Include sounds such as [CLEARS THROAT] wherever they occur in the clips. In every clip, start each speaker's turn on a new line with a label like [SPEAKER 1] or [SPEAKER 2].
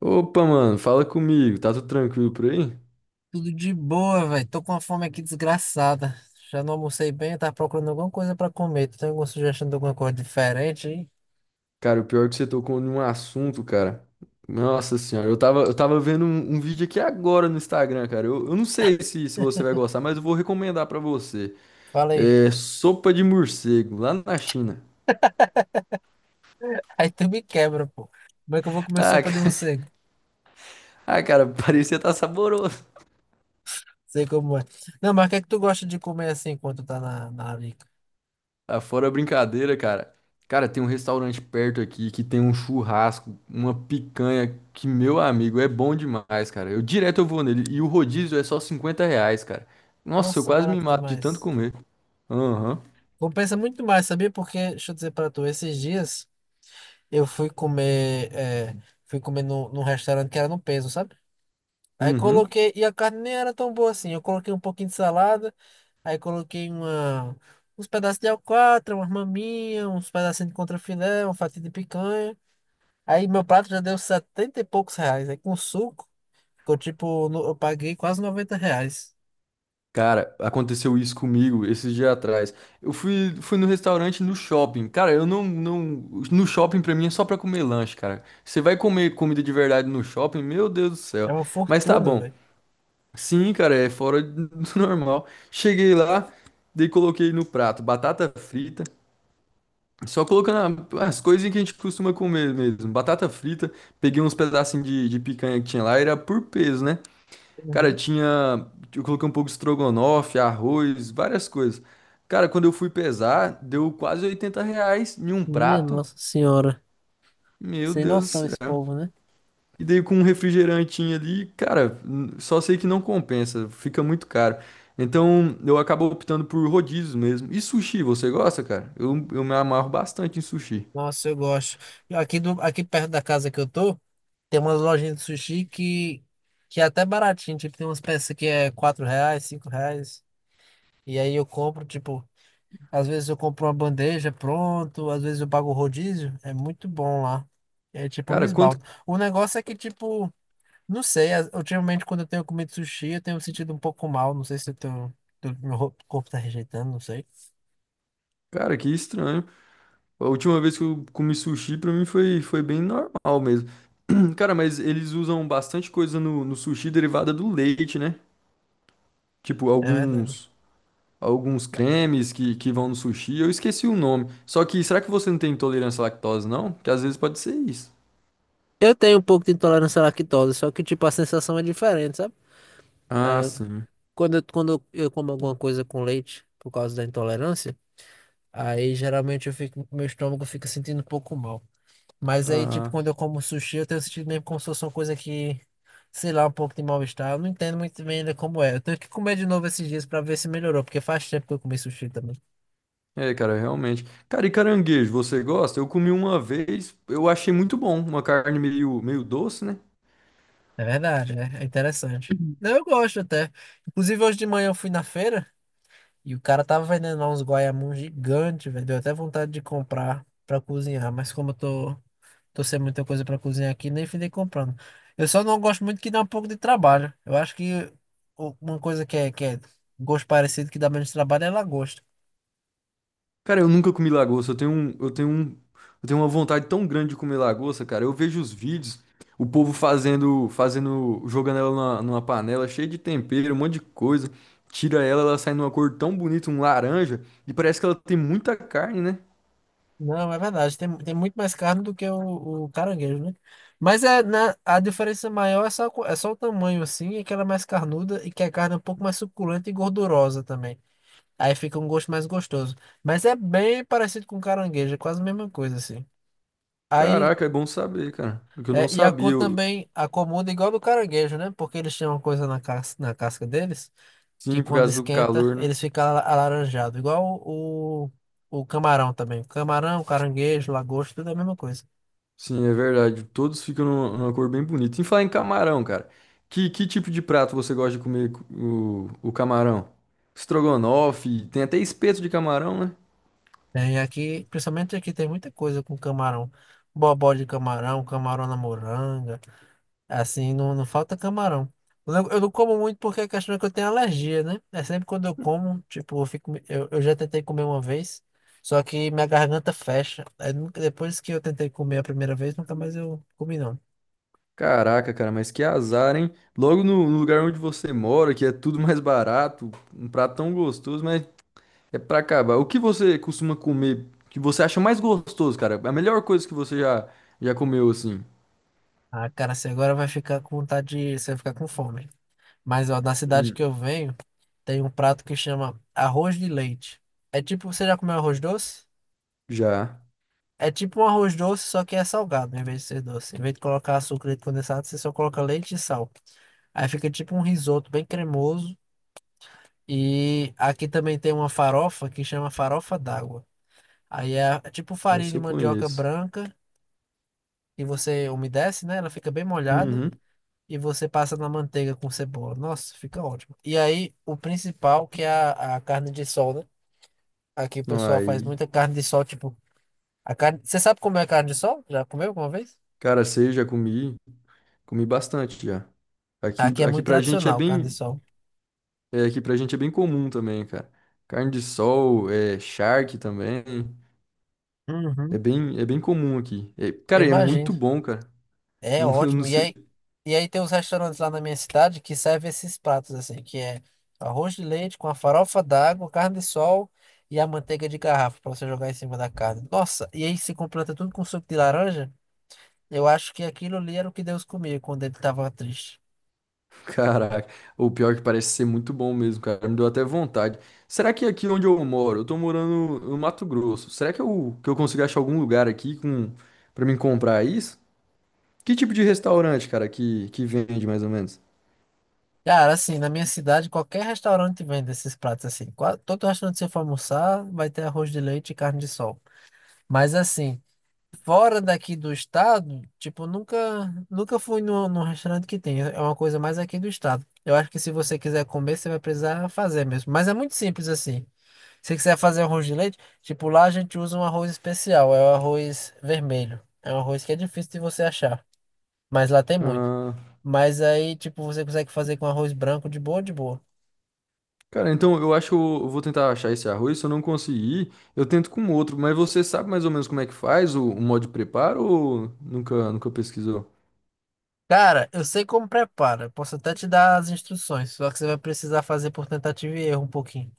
[SPEAKER 1] Opa, mano, fala comigo, tá tudo tranquilo por aí?
[SPEAKER 2] Tudo de boa, velho. Tô com uma fome aqui desgraçada. Já não almocei bem, eu tava procurando alguma coisa pra comer. Tu tem alguma sugestão de alguma coisa diferente aí?
[SPEAKER 1] Cara, o pior é que você tocou num assunto, cara. Nossa senhora, eu tava vendo um vídeo aqui agora no Instagram, cara. Eu não sei se você vai gostar, mas eu vou recomendar pra você.
[SPEAKER 2] Fala aí.
[SPEAKER 1] É sopa de morcego, lá na China.
[SPEAKER 2] [LAUGHS] Aí tu me quebra, pô. Como é que eu vou
[SPEAKER 1] [LAUGHS]
[SPEAKER 2] comer
[SPEAKER 1] Ah,
[SPEAKER 2] sopa de
[SPEAKER 1] ca-
[SPEAKER 2] morcego?
[SPEAKER 1] ah, cara, parecia estar tá saboroso.
[SPEAKER 2] Sei como é. Não, mas o que é que tu gosta de comer assim enquanto tá na larica?
[SPEAKER 1] Ah, fora a brincadeira, cara. Cara, tem um restaurante perto aqui que tem um churrasco, uma picanha que, meu amigo, é bom demais, cara. Eu direto eu vou nele. E o rodízio é só R$ 50, cara. Nossa, eu
[SPEAKER 2] Nossa,
[SPEAKER 1] quase me
[SPEAKER 2] barato
[SPEAKER 1] mato de tanto
[SPEAKER 2] demais.
[SPEAKER 1] comer. Aham.
[SPEAKER 2] Compensa muito mais, sabia? Porque, deixa eu dizer pra tu, esses dias eu fui comer, fui comer num restaurante que era no peso, sabe? Aí
[SPEAKER 1] Uhum.
[SPEAKER 2] coloquei, e a carne nem era tão boa assim. Eu coloquei um pouquinho de salada, aí coloquei uma, uns pedaços de alcatra, umas maminhas, uns pedacinhos de contrafilé, uma fatia de picanha. Aí meu prato já deu 70 e poucos reais. Aí com suco, ficou tipo, eu paguei quase R$ 90.
[SPEAKER 1] Cara, aconteceu isso comigo esses dias atrás. Eu fui no restaurante no shopping. Cara, eu não. No shopping pra mim é só pra comer lanche, cara. Você vai comer comida de verdade no shopping? Meu Deus do
[SPEAKER 2] É
[SPEAKER 1] céu.
[SPEAKER 2] uma
[SPEAKER 1] Mas tá
[SPEAKER 2] fortuna,
[SPEAKER 1] bom.
[SPEAKER 2] velho.
[SPEAKER 1] Sim, cara, é fora do [LAUGHS] normal. Cheguei lá, daí coloquei no prato batata frita, só colocando a- as coisinhas que a gente costuma comer mesmo. Batata frita, peguei uns pedacinhos de picanha que tinha lá, era por peso, né? Cara,
[SPEAKER 2] Uhum.
[SPEAKER 1] tinha. Eu coloquei um pouco de estrogonofe, arroz, várias coisas. Cara, quando eu fui pesar, deu quase R$ 80 em um
[SPEAKER 2] Minha
[SPEAKER 1] prato.
[SPEAKER 2] Nossa Senhora.
[SPEAKER 1] Meu
[SPEAKER 2] Sem noção
[SPEAKER 1] Deus.
[SPEAKER 2] esse povo, né?
[SPEAKER 1] E daí com um refrigerantinho ali, cara, n- só sei que não compensa, fica muito caro. Então eu acabo optando por rodízios mesmo. E sushi, você gosta, cara? Eu me amarro bastante em sushi.
[SPEAKER 2] Nossa, eu gosto. Aqui, aqui perto da casa que eu tô, tem umas lojinhas de sushi que é até baratinho. Tipo, tem umas peças que é R$ 4, R$ 5. E aí eu compro, tipo, às vezes eu compro uma bandeja pronto, às vezes eu pago o rodízio. É muito bom lá. É tipo, me
[SPEAKER 1] Cara, quanto.
[SPEAKER 2] esbalto. O negócio é que, tipo, não sei, ultimamente quando eu tenho comido sushi, eu tenho me sentido um pouco mal. Não sei se eu tenho, corpo tá rejeitando, não sei.
[SPEAKER 1] Cara, que estranho. A última vez que eu comi sushi, pra mim foi bem normal mesmo. [CLEARS THROAT] Cara, mas eles usam bastante coisa no sushi derivada do leite, né? Tipo,
[SPEAKER 2] É verdade.
[SPEAKER 1] alguns. Alguns cremes que vão no sushi, eu esqueci o nome. Só que será que você não tem intolerância à lactose, não? Que às vezes pode ser isso.
[SPEAKER 2] Eu tenho um pouco de intolerância à lactose, só que, tipo, a sensação é diferente, sabe?
[SPEAKER 1] Ah,
[SPEAKER 2] Ah,
[SPEAKER 1] sim.
[SPEAKER 2] quando eu como alguma coisa com leite por causa da intolerância, aí geralmente eu fico, meu estômago fica sentindo um pouco mal. Mas aí, tipo,
[SPEAKER 1] Ah,
[SPEAKER 2] quando eu como sushi, eu tenho sentido mesmo como se fosse uma coisa que, sei lá, um pouco de mal-estar. Eu não entendo muito bem ainda como é. Eu tenho que comer de novo esses dias pra ver se melhorou, porque faz tempo que eu comi sushi também.
[SPEAKER 1] é, cara, realmente. Cara, e caranguejo, você gosta? Eu comi uma vez, eu achei muito bom, uma carne meio, meio doce, né?
[SPEAKER 2] É verdade, né? É interessante. Não, eu gosto até. Inclusive, hoje de manhã eu fui na feira e o cara tava vendendo lá uns guaiamuns gigantes, velho. Deu até vontade de comprar pra cozinhar, mas como eu tô. Tô sem muita coisa pra cozinhar aqui, nem finei comprando. Eu só não gosto muito que dá um pouco de trabalho. Eu acho que uma coisa que é gosto parecido que dá menos trabalho é lagosta.
[SPEAKER 1] Cara, eu nunca comi lagosta, eu tenho uma vontade tão grande de comer lagosta, cara. Eu vejo os vídeos, o povo fazendo, jogando ela numa panela cheia de tempero, um monte de coisa. Tira ela, ela sai numa cor tão bonita, um laranja, e parece que ela tem muita carne, né?
[SPEAKER 2] Não, é verdade. Tem muito mais carne do que o caranguejo, né? Mas é, na, a diferença maior é só, é só o tamanho, assim, e que ela é mais carnuda e que a carne é um pouco mais suculenta e gordurosa também. Aí fica um gosto mais gostoso. Mas é bem parecido com caranguejo, é quase a mesma coisa, assim. Aí.
[SPEAKER 1] Caraca, é bom saber, cara. Porque eu não
[SPEAKER 2] É, e a
[SPEAKER 1] sabia,
[SPEAKER 2] cor
[SPEAKER 1] eu-
[SPEAKER 2] também, a comunda é igual do caranguejo, né? Porque eles têm uma coisa na casca deles, que
[SPEAKER 1] sim, por
[SPEAKER 2] quando
[SPEAKER 1] causa do
[SPEAKER 2] esquenta,
[SPEAKER 1] calor, né?
[SPEAKER 2] eles ficam alaranjados. Igual o camarão também. Camarão, caranguejo, lagosta, tudo é a mesma coisa.
[SPEAKER 1] Sim, é verdade. Todos ficam numa numa cor bem bonita. Em falar em camarão, cara, que tipo de prato você gosta de comer co- o camarão? Estrogonofe, tem até espeto de camarão, né?
[SPEAKER 2] Tem aqui, principalmente aqui, tem muita coisa com camarão. Bobó de camarão, camarão na moranga. Assim, não falta camarão. Eu não como muito porque a questão é que eu tenho alergia, né? É sempre quando eu como, tipo, eu fico, eu já tentei comer uma vez, só que minha garganta fecha. Aí depois que eu tentei comer a primeira vez, nunca mais eu comi, não.
[SPEAKER 1] Caraca, cara, mas que azar, hein? Logo no lugar onde você mora, que é tudo mais barato, um prato tão gostoso, mas é pra acabar. O que você costuma comer que você acha mais gostoso, cara? A melhor coisa que você já comeu, assim?
[SPEAKER 2] Ah, cara, você agora vai ficar com vontade de, você vai ficar com fome. Mas, ó, na cidade
[SPEAKER 1] Hum,
[SPEAKER 2] que eu venho, tem um prato que chama arroz de leite. É tipo, você já comeu arroz doce?
[SPEAKER 1] já.
[SPEAKER 2] É tipo um arroz doce, só que é salgado, em vez de ser doce. Em vez de colocar açúcar e leite condensado, você só coloca leite e sal. Aí fica tipo um risoto bem cremoso. E aqui também tem uma farofa que chama farofa d'água. Aí é tipo farinha
[SPEAKER 1] Essa
[SPEAKER 2] de
[SPEAKER 1] eu
[SPEAKER 2] mandioca
[SPEAKER 1] conheço.
[SPEAKER 2] branca e você umedece, né? Ela fica bem molhada
[SPEAKER 1] Uhum.
[SPEAKER 2] e você passa na manteiga com cebola. Nossa, fica ótimo. E aí o principal que é a carne de sol, né? Aqui o
[SPEAKER 1] Não,
[SPEAKER 2] pessoal faz
[SPEAKER 1] Aí,
[SPEAKER 2] muita carne de sol, tipo, a carne... Você sabe como é carne de sol? Já comeu alguma vez?
[SPEAKER 1] cara, sei, já comi. Comi bastante já. Aqui,
[SPEAKER 2] Aqui é
[SPEAKER 1] aqui
[SPEAKER 2] muito
[SPEAKER 1] pra gente é
[SPEAKER 2] tradicional o carne de
[SPEAKER 1] bem,
[SPEAKER 2] sol.
[SPEAKER 1] é, aqui pra gente é bem comum também, cara. Carne de sol, é, charque também.
[SPEAKER 2] Uhum.
[SPEAKER 1] É bem comum aqui. É,
[SPEAKER 2] Eu
[SPEAKER 1] cara, e é
[SPEAKER 2] imagino.
[SPEAKER 1] muito bom, cara. [LAUGHS]
[SPEAKER 2] É
[SPEAKER 1] Não, não
[SPEAKER 2] ótimo.
[SPEAKER 1] sei.
[SPEAKER 2] E aí tem uns restaurantes lá na minha cidade que servem esses pratos, assim, que é arroz de leite com a farofa d'água, carne de sol e a manteiga de garrafa para você jogar em cima da carne. Nossa, e aí se completa tudo com suco de laranja. Eu acho que aquilo ali era o que Deus comia quando ele estava triste.
[SPEAKER 1] Caraca. O pior é que parece ser muito bom mesmo, cara. Me deu até vontade. Será que aqui onde eu moro, eu tô morando no Mato Grosso, será que eu consigo achar algum lugar aqui com, pra mim comprar isso? Que tipo de restaurante, cara, que vende mais ou menos?
[SPEAKER 2] Cara, assim, na minha cidade, qualquer restaurante vende esses pratos assim. Todo restaurante que você for almoçar vai ter arroz de leite e carne de sol. Mas assim. Fora daqui do estado, tipo, nunca fui no restaurante que tem. É uma coisa mais aqui do estado. Eu acho que se você quiser comer, você vai precisar fazer mesmo. Mas é muito simples assim. Se você quiser fazer arroz de leite, tipo, lá a gente usa um arroz especial, é o arroz vermelho. É um arroz que é difícil de você achar, mas lá tem muito. Mas aí, tipo, você consegue fazer com arroz branco de boa, de boa.
[SPEAKER 1] Cara, então eu acho que eu vou tentar achar esse arroz. Se eu não conseguir, eu tento com outro. Mas você sabe mais ou menos como é que faz o modo de preparo ou nunca pesquisou?
[SPEAKER 2] Cara, eu sei como prepara. Eu posso até te dar as instruções, só que você vai precisar fazer por tentativa e erro um pouquinho.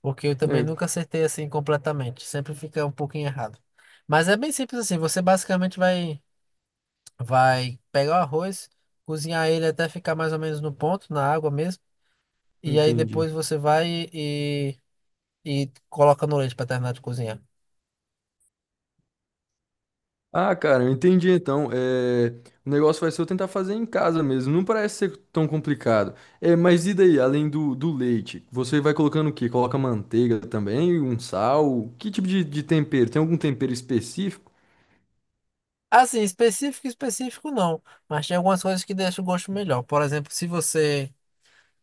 [SPEAKER 2] Porque eu também
[SPEAKER 1] É,
[SPEAKER 2] nunca acertei assim completamente. Sempre fica um pouquinho errado. Mas é bem simples assim. Você basicamente vai, vai pegar o arroz, cozinhar ele até ficar mais ou menos no ponto, na água mesmo. E aí depois
[SPEAKER 1] entendi.
[SPEAKER 2] você vai e, e coloca no leite para terminar de cozinhar.
[SPEAKER 1] Ah, cara, eu entendi então. É, o negócio vai ser eu tentar fazer em casa mesmo. Não parece ser tão complicado. É, mas e daí, além do leite? Você vai colocando o quê? Coloca manteiga também, um sal? Que tipo de tempero? Tem algum tempero específico?
[SPEAKER 2] Assim, específico não. Mas tem algumas coisas que deixam o gosto melhor. Por exemplo, se você,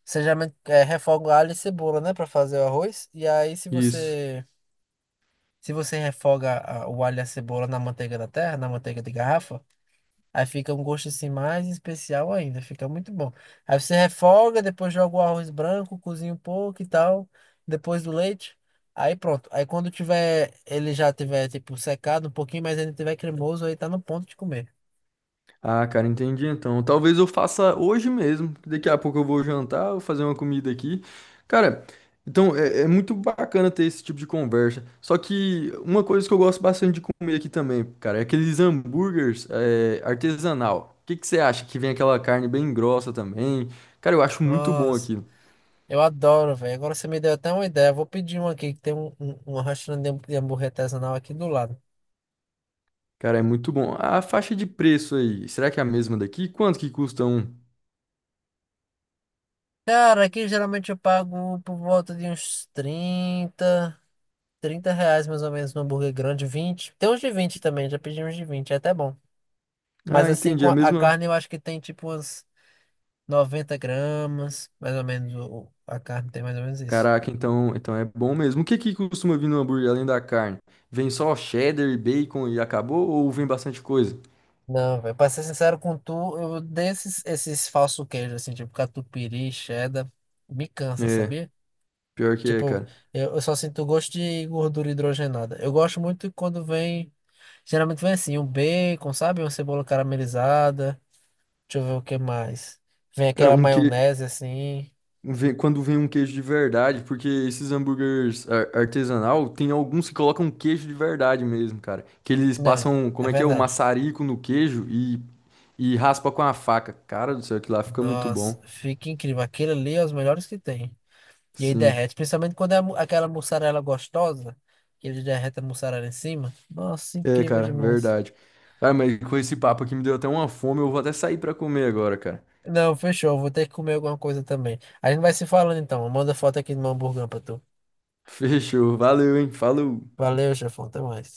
[SPEAKER 2] você geralmente refoga alho e cebola, né, para fazer o arroz. E aí se
[SPEAKER 1] Isso.
[SPEAKER 2] você, se você refoga o alho e a cebola na manteiga da terra, na manteiga de garrafa, aí fica um gosto assim mais especial ainda, fica muito bom. Aí você refoga, depois joga o arroz branco, cozinha um pouco e tal, depois do leite. Aí pronto. Aí quando tiver, ele já tiver tipo secado um pouquinho, mas ainda tiver cremoso, aí tá no ponto de comer.
[SPEAKER 1] Ah, cara, entendi então. Talvez eu faça hoje mesmo. Que Daqui a pouco eu vou jantar, vou fazer uma comida aqui. Cara, então é, é muito bacana ter esse tipo de conversa. Só que uma coisa que eu gosto bastante de comer aqui também, cara, é aqueles hambúrgueres é, artesanal. O que que você acha? Que vem aquela carne bem grossa também. Cara, eu acho muito bom
[SPEAKER 2] Nossa,
[SPEAKER 1] aquilo.
[SPEAKER 2] eu adoro, velho. Agora você me deu até uma ideia. Eu vou pedir um aqui, que tem um restaurante de hambúrguer artesanal aqui do lado.
[SPEAKER 1] Cara, é muito bom. A faixa de preço aí, será que é a mesma daqui? Quanto que custa um?
[SPEAKER 2] Cara, aqui geralmente eu pago por volta de uns R$ 30 mais ou menos no hambúrguer grande. 20, tem uns de 20 também, já pedi uns de 20, é até bom. Mas
[SPEAKER 1] Ah,
[SPEAKER 2] assim,
[SPEAKER 1] entendi.
[SPEAKER 2] com
[SPEAKER 1] É a
[SPEAKER 2] a
[SPEAKER 1] mesma.
[SPEAKER 2] carne eu acho que tem tipo umas 90 g, mais ou menos, a carne tem mais ou menos isso.
[SPEAKER 1] Caraca, então, então é bom mesmo. O que que costuma vir no hambúrguer além da carne? Vem só cheddar, bacon e acabou? Ou vem bastante coisa?
[SPEAKER 2] Não, velho, pra ser sincero com tu, eu odeio esses falsos queijos, assim, tipo catupiry, cheddar, me cansa,
[SPEAKER 1] É,
[SPEAKER 2] sabia?
[SPEAKER 1] pior que é,
[SPEAKER 2] Tipo,
[SPEAKER 1] cara.
[SPEAKER 2] eu só sinto gosto de gordura hidrogenada. Eu gosto muito quando vem, geralmente vem assim, um bacon, sabe? Uma cebola caramelizada. Deixa eu ver o que mais. Vem
[SPEAKER 1] Cara,
[SPEAKER 2] aquela
[SPEAKER 1] um que...
[SPEAKER 2] maionese assim.
[SPEAKER 1] vem- quando vem um queijo de verdade, porque esses hambúrgueres ar- artesanal, tem alguns que colocam queijo de verdade mesmo, cara. Que eles
[SPEAKER 2] Não,
[SPEAKER 1] passam,
[SPEAKER 2] é
[SPEAKER 1] como é que é, o
[SPEAKER 2] verdade.
[SPEAKER 1] maçarico no queijo e raspa com a faca. Cara do céu, aquilo lá fica muito
[SPEAKER 2] Nossa,
[SPEAKER 1] bom.
[SPEAKER 2] fica incrível. Aquilo ali é os melhores que tem. E aí
[SPEAKER 1] Sim.
[SPEAKER 2] derrete, principalmente quando é a aquela mussarela gostosa, que ele derrete a mussarela em cima. Nossa,
[SPEAKER 1] É,
[SPEAKER 2] incrível
[SPEAKER 1] cara,
[SPEAKER 2] demais.
[SPEAKER 1] verdade. Cara, mas com esse papo aqui me deu até uma fome, eu vou até sair pra comer agora, cara.
[SPEAKER 2] Não, fechou. Vou ter que comer alguma coisa também. A gente vai se falando então. Manda foto aqui do meu hamburgão pra tu.
[SPEAKER 1] Fechou. Valeu, hein? Falou.
[SPEAKER 2] Valeu, chefão. Até mais.